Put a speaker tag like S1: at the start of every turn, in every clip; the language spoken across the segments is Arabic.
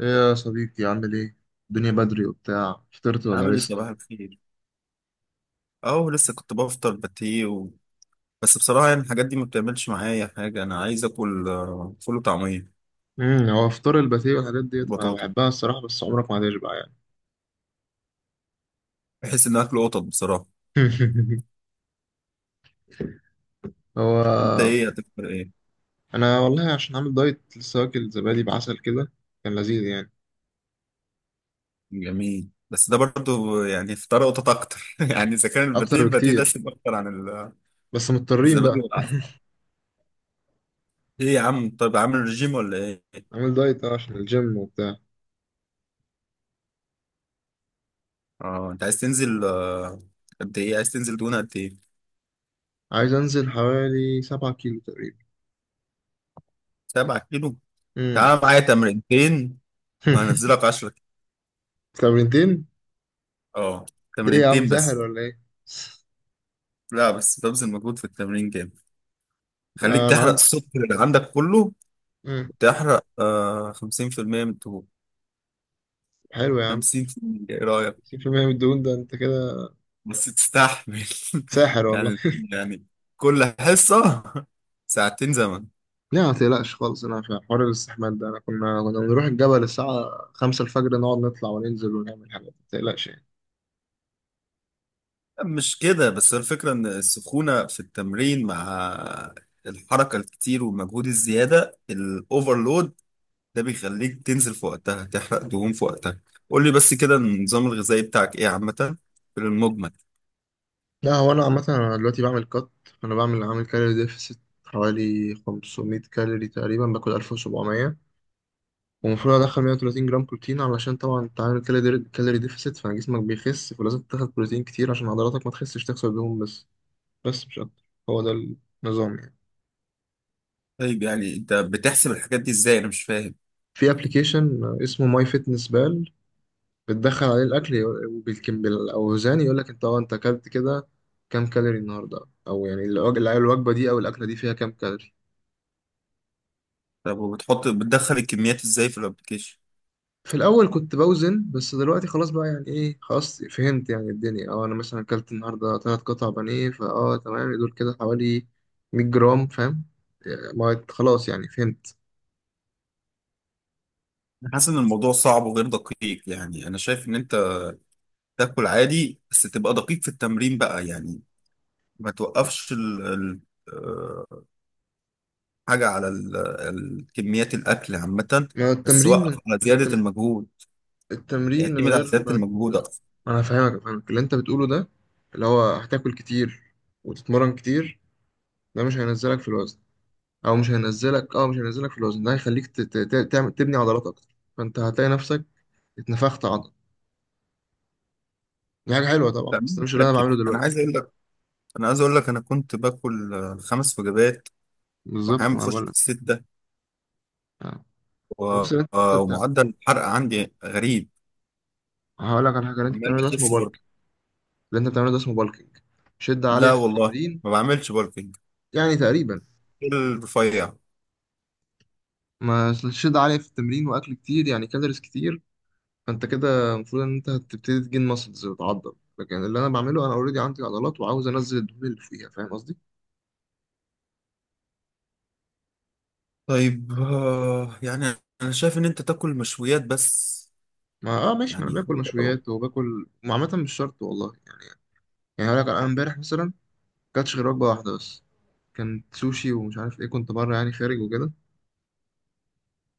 S1: ايه يا صديقي؟ عامل ايه؟ الدنيا بدري وبتاع، فطرت
S2: عامل
S1: ولا
S2: ايه، صباح
S1: لسه؟
S2: الخير. اهو لسه كنت بفطر باتيه بس بصراحه يعني الحاجات دي ما بتعملش معايا حاجه. انا عايز اكل فول وطعميه،
S1: هو فطار الباتيه والحاجات ديت انا
S2: بطاطا.
S1: بحبها الصراحه، بس عمرك ما هتشبع يعني.
S2: بحس ان اكل قطط بصراحه. انت
S1: هو
S2: ايه هتفطر ايه؟
S1: انا والله عشان عامل دايت، لسه واكل زبادي بعسل كده. كان لذيذ يعني.
S2: جميل، بس ده برضو يعني فطار قطط اكتر يعني اذا كان
S1: اكتر
S2: الباتيه ده
S1: بكتير.
S2: سيب اكتر عن
S1: بس مضطرين
S2: الزبادي
S1: بقى.
S2: والعسل. ايه يا عم، طيب عامل رجيم ولا ايه؟
S1: عامل دايت عشان الجيم وبتاع.
S2: اه انت عايز تنزل قد ايه؟ عايز تنزل دهون قد ايه؟
S1: عايز انزل حوالي 7 كيلو تقريبا.
S2: 7 كيلو.
S1: امم.
S2: تعال معايا تمرينتين، وهنزلك 10.
S1: تمرينتين؟
S2: اه،
S1: ايه يا عم
S2: تمرينتين
S1: ساحر
S2: بس.
S1: ولا ايه؟
S2: لا، بس ببذل مجهود في التمرين جامد. خليك
S1: انا
S2: تحرق
S1: عندي.
S2: السكر اللي عندك كله،
S1: امم.
S2: وتحرق 50% من الدهون.
S1: حلو يا عم.
S2: 50%، ايه رأيك؟
S1: 60% من الدهون ده انت كده؟
S2: بس تستحمل
S1: ساحر والله.
S2: يعني يعني كل حصة ساعتين زمن.
S1: لا ما تقلقش خالص. انا في حوار الاستحمام ده انا كنا بنروح الجبل الساعة 5 الفجر، نقعد نطلع وننزل ونعمل حاجات. ما تقلقش يعني.
S2: مش كده، بس الفكرة ان السخونة في التمرين مع الحركة الكتير والمجهود الزيادة الاوفرلود ده بيخليك تنزل في وقتها، تحرق دهون في وقتها. قول لي بس كده، النظام الغذائي بتاعك ايه عامة، في المجمل؟
S1: لا، هو انا عامة انا دلوقتي بعمل كات. فانا بعمل عامل كالوري ديفست حوالي 500 كالوري تقريبا. باكل 1700 ومفروض ادخل 130 جرام بروتين، علشان طبعا انت عامل كالوري ديفست فجسمك بيخس، فلازم تاخد بروتين كتير عشان عضلاتك ما تخسش، تخسر دهون بس مش اكتر. هو ده النظام يعني.
S2: طيب يعني انت بتحسب الحاجات دي ازاي؟ انا مش فاهم.
S1: في ابلكيشن اسمه ماي فيتنس بال. بتدخل عليه الاكل وبالكم بالاوزان، يقول لك انت انت اكلت كده كام كالوري النهارده. او يعني الوجبه دي او الاكله دي فيها كام كالوري.
S2: طب وبتحط بتدخل الكميات ازاي في الابلكيشن؟
S1: في الاول كنت بوزن. بس دلوقتي خلاص بقى يعني ايه، خلاص فهمت يعني الدنيا. اه انا مثلا اكلت النهارده ثلاث قطع بانيه تمام، دول كده حوالي 100 جرام فاهم يعني. ما خلاص يعني فهمت.
S2: انا حاسس ان الموضوع صعب وغير دقيق، يعني انا شايف ان انت تاكل عادي بس تبقى دقيق في التمرين بقى يعني. ما توقفش ال... ال... آه، حاجة على كميات الاكل عامة،
S1: ما هو
S2: بس
S1: التمرين
S2: وقف
S1: من.
S2: على زيادة
S1: التم...
S2: المجهود.
S1: التمرين من
S2: اعتمد على
S1: غير
S2: زيادة
S1: ما.
S2: المجهود اكتر.
S1: ما انا فاهمك اللي انت بتقوله ده، اللي هو هتاكل كتير وتتمرن كتير، ده مش هينزلك في الوزن. او مش هينزلك، مش هينزلك في الوزن. ده هيخليك تعمل تبني عضلات اكتر. فانت هتلاقي نفسك اتنفخت عضل. دي حاجه حلوه طبعا،
S2: ده مين
S1: بس ده
S2: اللي
S1: مش اللي
S2: قال لك
S1: انا
S2: كده؟
S1: بعمله
S2: انا
S1: دلوقتي.
S2: عايز اقول لك، انا عايز اقول لك انا كنت باكل خمس وجبات،
S1: بالظبط
S2: واحيانا
S1: ما
S2: بخش
S1: بقول
S2: في
S1: لك.
S2: الستة
S1: آه.
S2: و...
S1: بص، اللي انت
S2: آه،
S1: بتاع
S2: ومعدل الحرق عندي غريب،
S1: هقول لك على حاجه. اللي انت
S2: عمال
S1: بتعمله ده اسمه
S2: بخس برضه.
S1: بالك. اللي انت بتعمله ده اسمه بالكينج. شده عاليه
S2: لا
S1: في
S2: والله،
S1: التمرين
S2: ما بعملش بالكينج،
S1: يعني. تقريبا،
S2: كل رفيع.
S1: ما شده عاليه في التمرين واكل كتير يعني كالوريز كتير. فانت كده المفروض ان انت هتبتدي تجين ماسلز وتعضل. لكن اللي انا بعمله، انا اوريدي عندي عضلات وعاوز انزل الدهون اللي فيها، فاهم قصدي؟
S2: طيب، يعني انا شايف ان انت تاكل مشويات بس،
S1: ما اه ماشي، ما
S2: يعني
S1: انا باكل
S2: حتى لو.
S1: مشويات وباكل وعامة مش شرط والله يعني. يعني هقول لك، انا امبارح مثلا كانتش غير وجبة واحدة بس. كانت سوشي ومش عارف ايه، كنت بره يعني خارج وكده.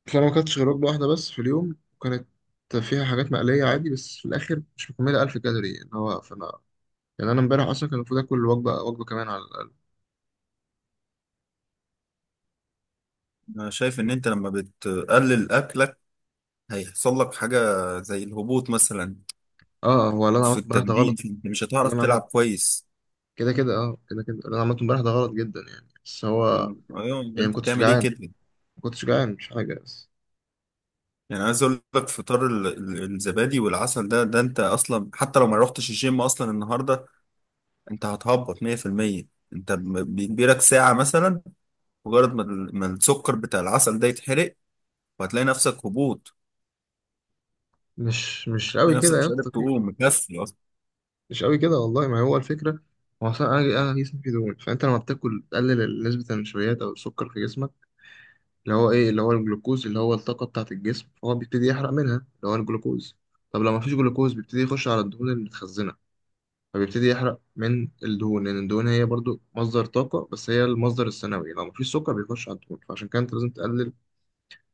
S1: فانا ما كانتش غير وجبة واحدة بس في اليوم، وكانت فيها حاجات مقلية عادي، بس في الاخر مش مكملة 1000 كالوري اللي هو. فانا يعني انا امبارح اصلا كان المفروض اكل وجبة وجبة كمان على الاقل.
S2: انا شايف ان انت لما بتقلل اكلك هيحصل لك حاجة زي الهبوط مثلا.
S1: اه، هو اللي انا
S2: في
S1: عملته امبارح ده
S2: التمرين
S1: غلط.
S2: انت مش
S1: اللي
S2: هتعرف
S1: انا
S2: تلعب
S1: عملت
S2: كويس.
S1: كده كده اللي انا عملته امبارح ده غلط جدا يعني. بس هو.
S2: طيب، ايوه، يبقى
S1: يعني ما
S2: انت
S1: كنتش
S2: بتعمل ايه
S1: جعان
S2: كده؟
S1: ما كنتش جعان مش حاجة بس.
S2: يعني عايز اقول لك فطار الزبادي والعسل ده انت اصلا حتى لو ما رحتش الجيم اصلا النهارده انت هتهبط 100%. انت بيجيلك ساعة مثلا مجرد ما السكر بتاع العسل ده يتحرق، وهتلاقي نفسك هبوط.
S1: مش قوي
S2: هتلاقي
S1: كده
S2: نفسك
S1: يا
S2: مش قادر
S1: اسطى.
S2: تقوم، مكسل اصلا.
S1: مش قوي كده والله. ما هو الفكرة، هو أصلا أنا جسمي فيه دهون، فأنت لما بتاكل تقلل نسبة النشويات أو السكر في جسمك. اللي هو إيه؟ اللي هو الجلوكوز، اللي هو الطاقة بتاعة الجسم. فهو بيبتدي يحرق منها اللي هو الجلوكوز. طب لو مفيش جلوكوز بيبتدي يخش على الدهون المتخزنة. فبيبتدي يحرق من الدهون، لأن الدهون هي برضو مصدر طاقة، بس هي المصدر الثانوي. لو مفيش سكر بيخش على الدهون، فعشان كده أنت لازم تقلل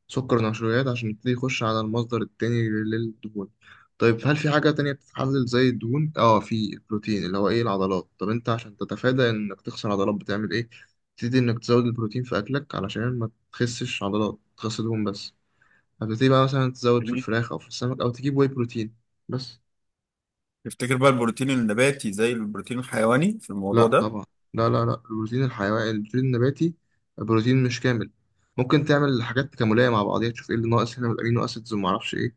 S1: سكر نشويات عشان يبتدي يخش على المصدر التاني للدهون. طيب، هل في حاجة تانية بتتحلل زي الدهون؟ اه، في البروتين اللي هو ايه العضلات. طب انت عشان تتفادى انك تخسر عضلات بتعمل ايه؟ تبتدي انك تزود البروتين في اكلك علشان ما تخسش عضلات، تخس دهون بس. هتبتدي بقى مثلا تزود في
S2: يعني
S1: الفراخ او في السمك او تجيب واي بروتين بس.
S2: تفتكر بقى البروتين النباتي زي البروتين الحيواني في الموضوع
S1: لا
S2: ده؟
S1: طبعا. لا لا لا، البروتين الحيواني، البروتين النباتي بروتين مش كامل. ممكن تعمل حاجات تكاملية مع بعضيها، تشوف ايه اللي ناقص هنا من الامينو اسيدز وما اعرفش ايه.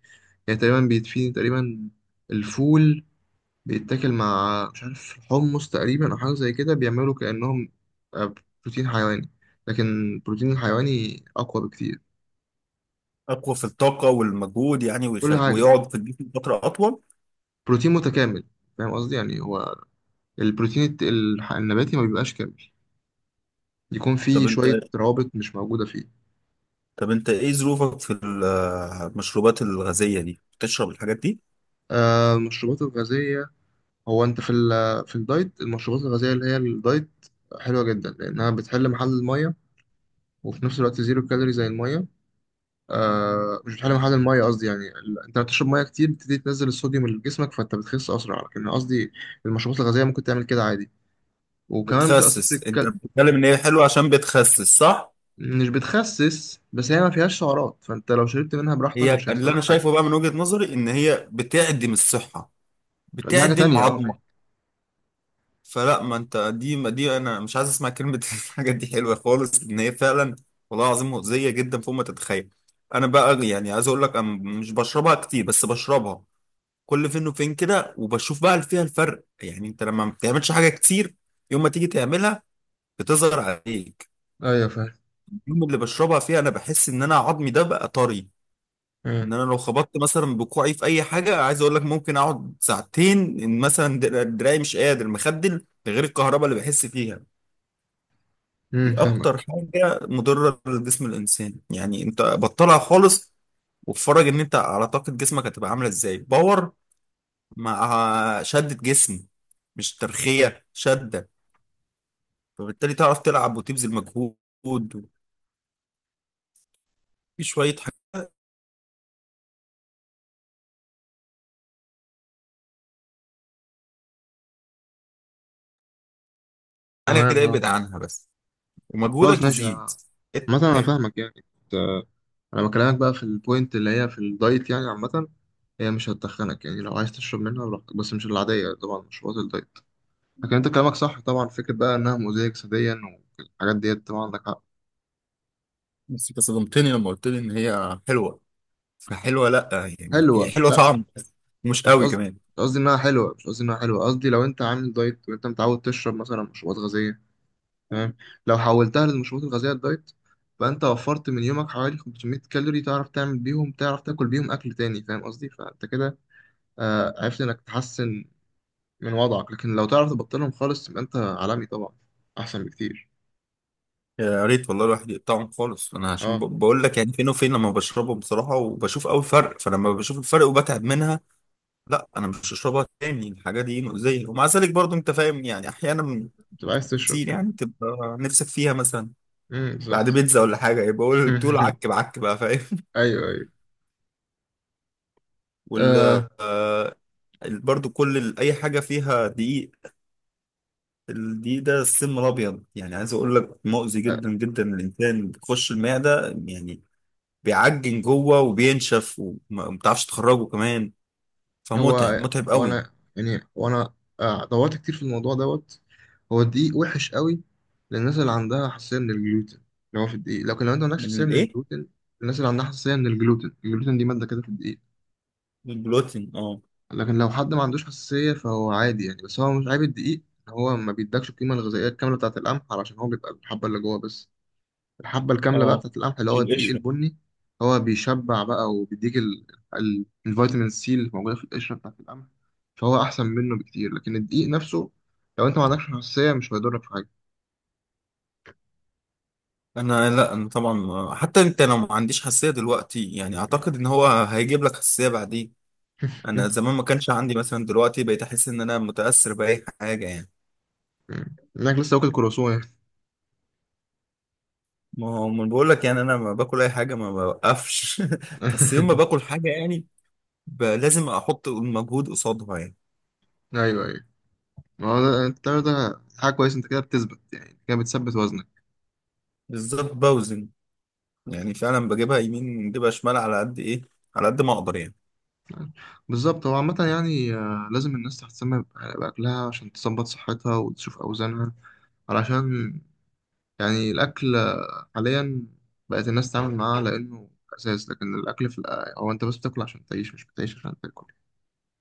S1: يعني تقريبا بيتفيد تقريبا. الفول بيتاكل مع مش عارف حمص تقريبا او حاجة زي كده، بيعملوا كأنهم آه، بروتين حيواني. لكن البروتين الحيواني اقوى بكتير.
S2: اقوى في الطاقه والمجهود يعني،
S1: كل حاجة،
S2: ويقعد في الجسم فتره اطول.
S1: بروتين متكامل، فاهم قصدي؟ يعني هو البروتين النباتي ما بيبقاش كامل، يكون فيه
S2: طب انت
S1: شوية روابط مش موجودة فيه.
S2: طب انت ايه ظروفك في المشروبات الغازيه دي، بتشرب الحاجات دي؟
S1: المشروبات الغازية، هو انت في في الدايت المشروبات الغازيه اللي هي الدايت حلوه جدا، لانها بتحل محل الميه وفي نفس الوقت زيرو كالوري زي الميه. مش بتحل محل الميه قصدي. يعني انت بتشرب ميه كتير بتبتدي تنزل الصوديوم اللي في جسمك فانت بتخس اسرع. لكن قصدي المشروبات الغازيه ممكن تعمل كده عادي، وكمان بتبقى صفر
S2: بتخسس، انت بتتكلم ان هي حلوه عشان بتخسس، صح؟
S1: مش بتخسس، بس هي ما فيهاش سعرات، فانت لو شربت منها براحتك
S2: هي
S1: مش هيحصل
S2: اللي
S1: لك
S2: انا
S1: حاجه.
S2: شايفه بقى من وجهه نظري ان هي بتعدم الصحه،
S1: دي حاجه
S2: بتعدم
S1: تانية. اه
S2: عظمه.
S1: ماشي.
S2: فلا، ما انت دي ما دي انا مش عايز اسمع كلمه الحاجات دي حلوه خالص، ان هي فعلا والله العظيم مؤذيه جدا فوق ما تتخيل. انا بقى يعني عايز اقول لك انا مش بشربها كتير، بس بشربها كل فين وفين كده، وبشوف بقى فيها الفرق. يعني انت لما ما بتعملش حاجه كتير، يوم ما تيجي تعملها بتظهر عليك.
S1: ايوه فاهم.
S2: اليوم اللي بشربها فيه انا بحس ان انا عظمي ده بقى طري، ان انا لو خبطت مثلا بكوعي في اي حاجه، عايز اقول لك، ممكن اقعد ساعتين. إن مثلا دراعي مش قادر، مخدل غير الكهرباء اللي بحس فيها. دي
S1: فاهمك.
S2: اكتر حاجه مضره لجسم الانسان، يعني انت بطلها خالص، واتفرج ان انت على طاقه جسمك هتبقى عامله ازاي، باور مع شده جسم، مش ترخيه، شده. فبالتالي تعرف تلعب وتبذل مجهود في شويه حاجات. انا
S1: تمام.
S2: كده
S1: اه
S2: ابعد عنها بس،
S1: خلاص
S2: ومجهودك
S1: ماشي.
S2: يزيد.
S1: مثلا انا
S2: إنت-
S1: فاهمك يعني. انا بكلمك بقى في البوينت اللي هي في الدايت يعني عامه. هي مش هتخنك يعني، لو عايز تشرب منها براحتك، بس مش العاديه طبعا، مشروبات الدايت. لكن انت كلامك صح طبعا، فكره بقى انها مؤذيه جسديا والحاجات ديت، طبعا عندك حق.
S2: بس أنت صدمتني لما قلت لي ان هي حلوه، فحلوه لا. يعني هي
S1: حلوه
S2: حلوه
S1: لا.
S2: طعم بس، مش
S1: مش
S2: قوي
S1: قصدي
S2: كمان.
S1: مش قصدي انها حلوه. مش قصدي انها حلوه، قصدي لو انت عامل دايت وانت متعود تشرب مثلا مشروبات غازيه. تمام. لو حولتها للمشروبات الغازيه الدايت، فانت وفرت من يومك حوالي 500 كالوري، تعرف تعمل بيهم، تعرف تاكل بيهم اكل تاني، فاهم قصدي؟ فانت كده عرفت انك تحسن من وضعك. لكن لو تعرف تبطلهم خالص تبقى انت عالمي طبعا، احسن بكتير.
S2: يا ريت والله الواحد يقطعهم خالص. انا عشان
S1: اه،
S2: بقول لك يعني فين وفين لما بشربهم بصراحه، وبشوف قوي فرق. فلما بشوف الفرق وبتعب منها، لا، انا مش هشربها تاني. الحاجه دي مؤذيه، ومع ذلك برضو انت فاهم، يعني احيانا
S1: بتبقى عايز تشرب
S2: كتير
S1: كده.
S2: يعني تبقى نفسك فيها، مثلا بعد
S1: بالظبط.
S2: بيتزا ولا حاجه، يبقى بقول بتقول عك بعك بقى، فاهم.
S1: ايوه ايوه.
S2: وال
S1: آه
S2: آه، برضو كل اي حاجه فيها دقيق، الدقيق ده السم الابيض، يعني عايز اقول لك مؤذي
S1: آه،
S2: جدا جدا للانسان، بيخش المعده يعني بيعجن جوه وبينشف وما بتعرفش تخرجه كمان، فمتعب
S1: هو
S2: متعب
S1: هو
S2: قوي.
S1: انا يعني وانا دورت كتير في الموضوع دوت. هو الدقيق وحش قوي للناس اللي عندها حساسيه من الجلوتين، اللي هو في الدقيق. لكن لو انت ما عندكش
S2: من
S1: حساسيه من
S2: الايه؟
S1: الجلوتين. الناس اللي عندها حساسيه من الجلوتين، الجلوتين دي ماده كده في الدقيق.
S2: من البلوتين، اه.
S1: لكن لو حد ما عندوش حساسية فهو عادي يعني، بس هو مش عيب الدقيق، إن هو ما بيدكش القيمة الغذائية الكاملة بتاعة القمح، علشان هو بيبقى الحبة اللي جوه بس. الحبة الكاملة بقى
S2: اه،
S1: بتاعة القمح اللي هو
S2: من
S1: الدقيق
S2: القشرة.
S1: البني. هو بيشبع بقى وبيديك الفيتامين سي اللي موجودة في القشرة بتاعة القمح. فهو أحسن منه بكتير، لكن الدقيق نفسه لو أنت ما عندكش حساسية مش هيضرك في حاجة.
S2: انا لا، انا طبعا حتى انت لو ما عنديش حساسيه دلوقتي، يعني اعتقد ان هو هيجيب لك حساسيه بعدين. انا زمان ما كانش عندي، مثلا دلوقتي بقيت احس ان انا متاثر باي حاجه يعني.
S1: إنك لسه واكل كروسون يعني.
S2: ما هو ما بقول لك يعني انا ما باكل اي حاجه، ما بوقفش بس يوم ما باكل حاجه، يعني لازم احط المجهود قصادها يعني.
S1: أيوه أيوه. ما هو التمر ده حاجة كويسة. أنت كده بتثبت يعني، كده بتثبت وزنك.
S2: بالظبط، بوزن، يعني فعلا بجيبها يمين بجيبها شمال على قد ايه، على قد ما اقدر يعني.
S1: بالظبط. هو عامة يعني لازم الناس تهتم بأكلها عشان تظبط صحتها وتشوف أوزانها. علشان يعني الأكل حاليا بقت الناس تتعامل معاه لأنه أساس. لكن الأكل في هو أنت بس بتاكل عشان تعيش، مش بتعيش عشان تاكل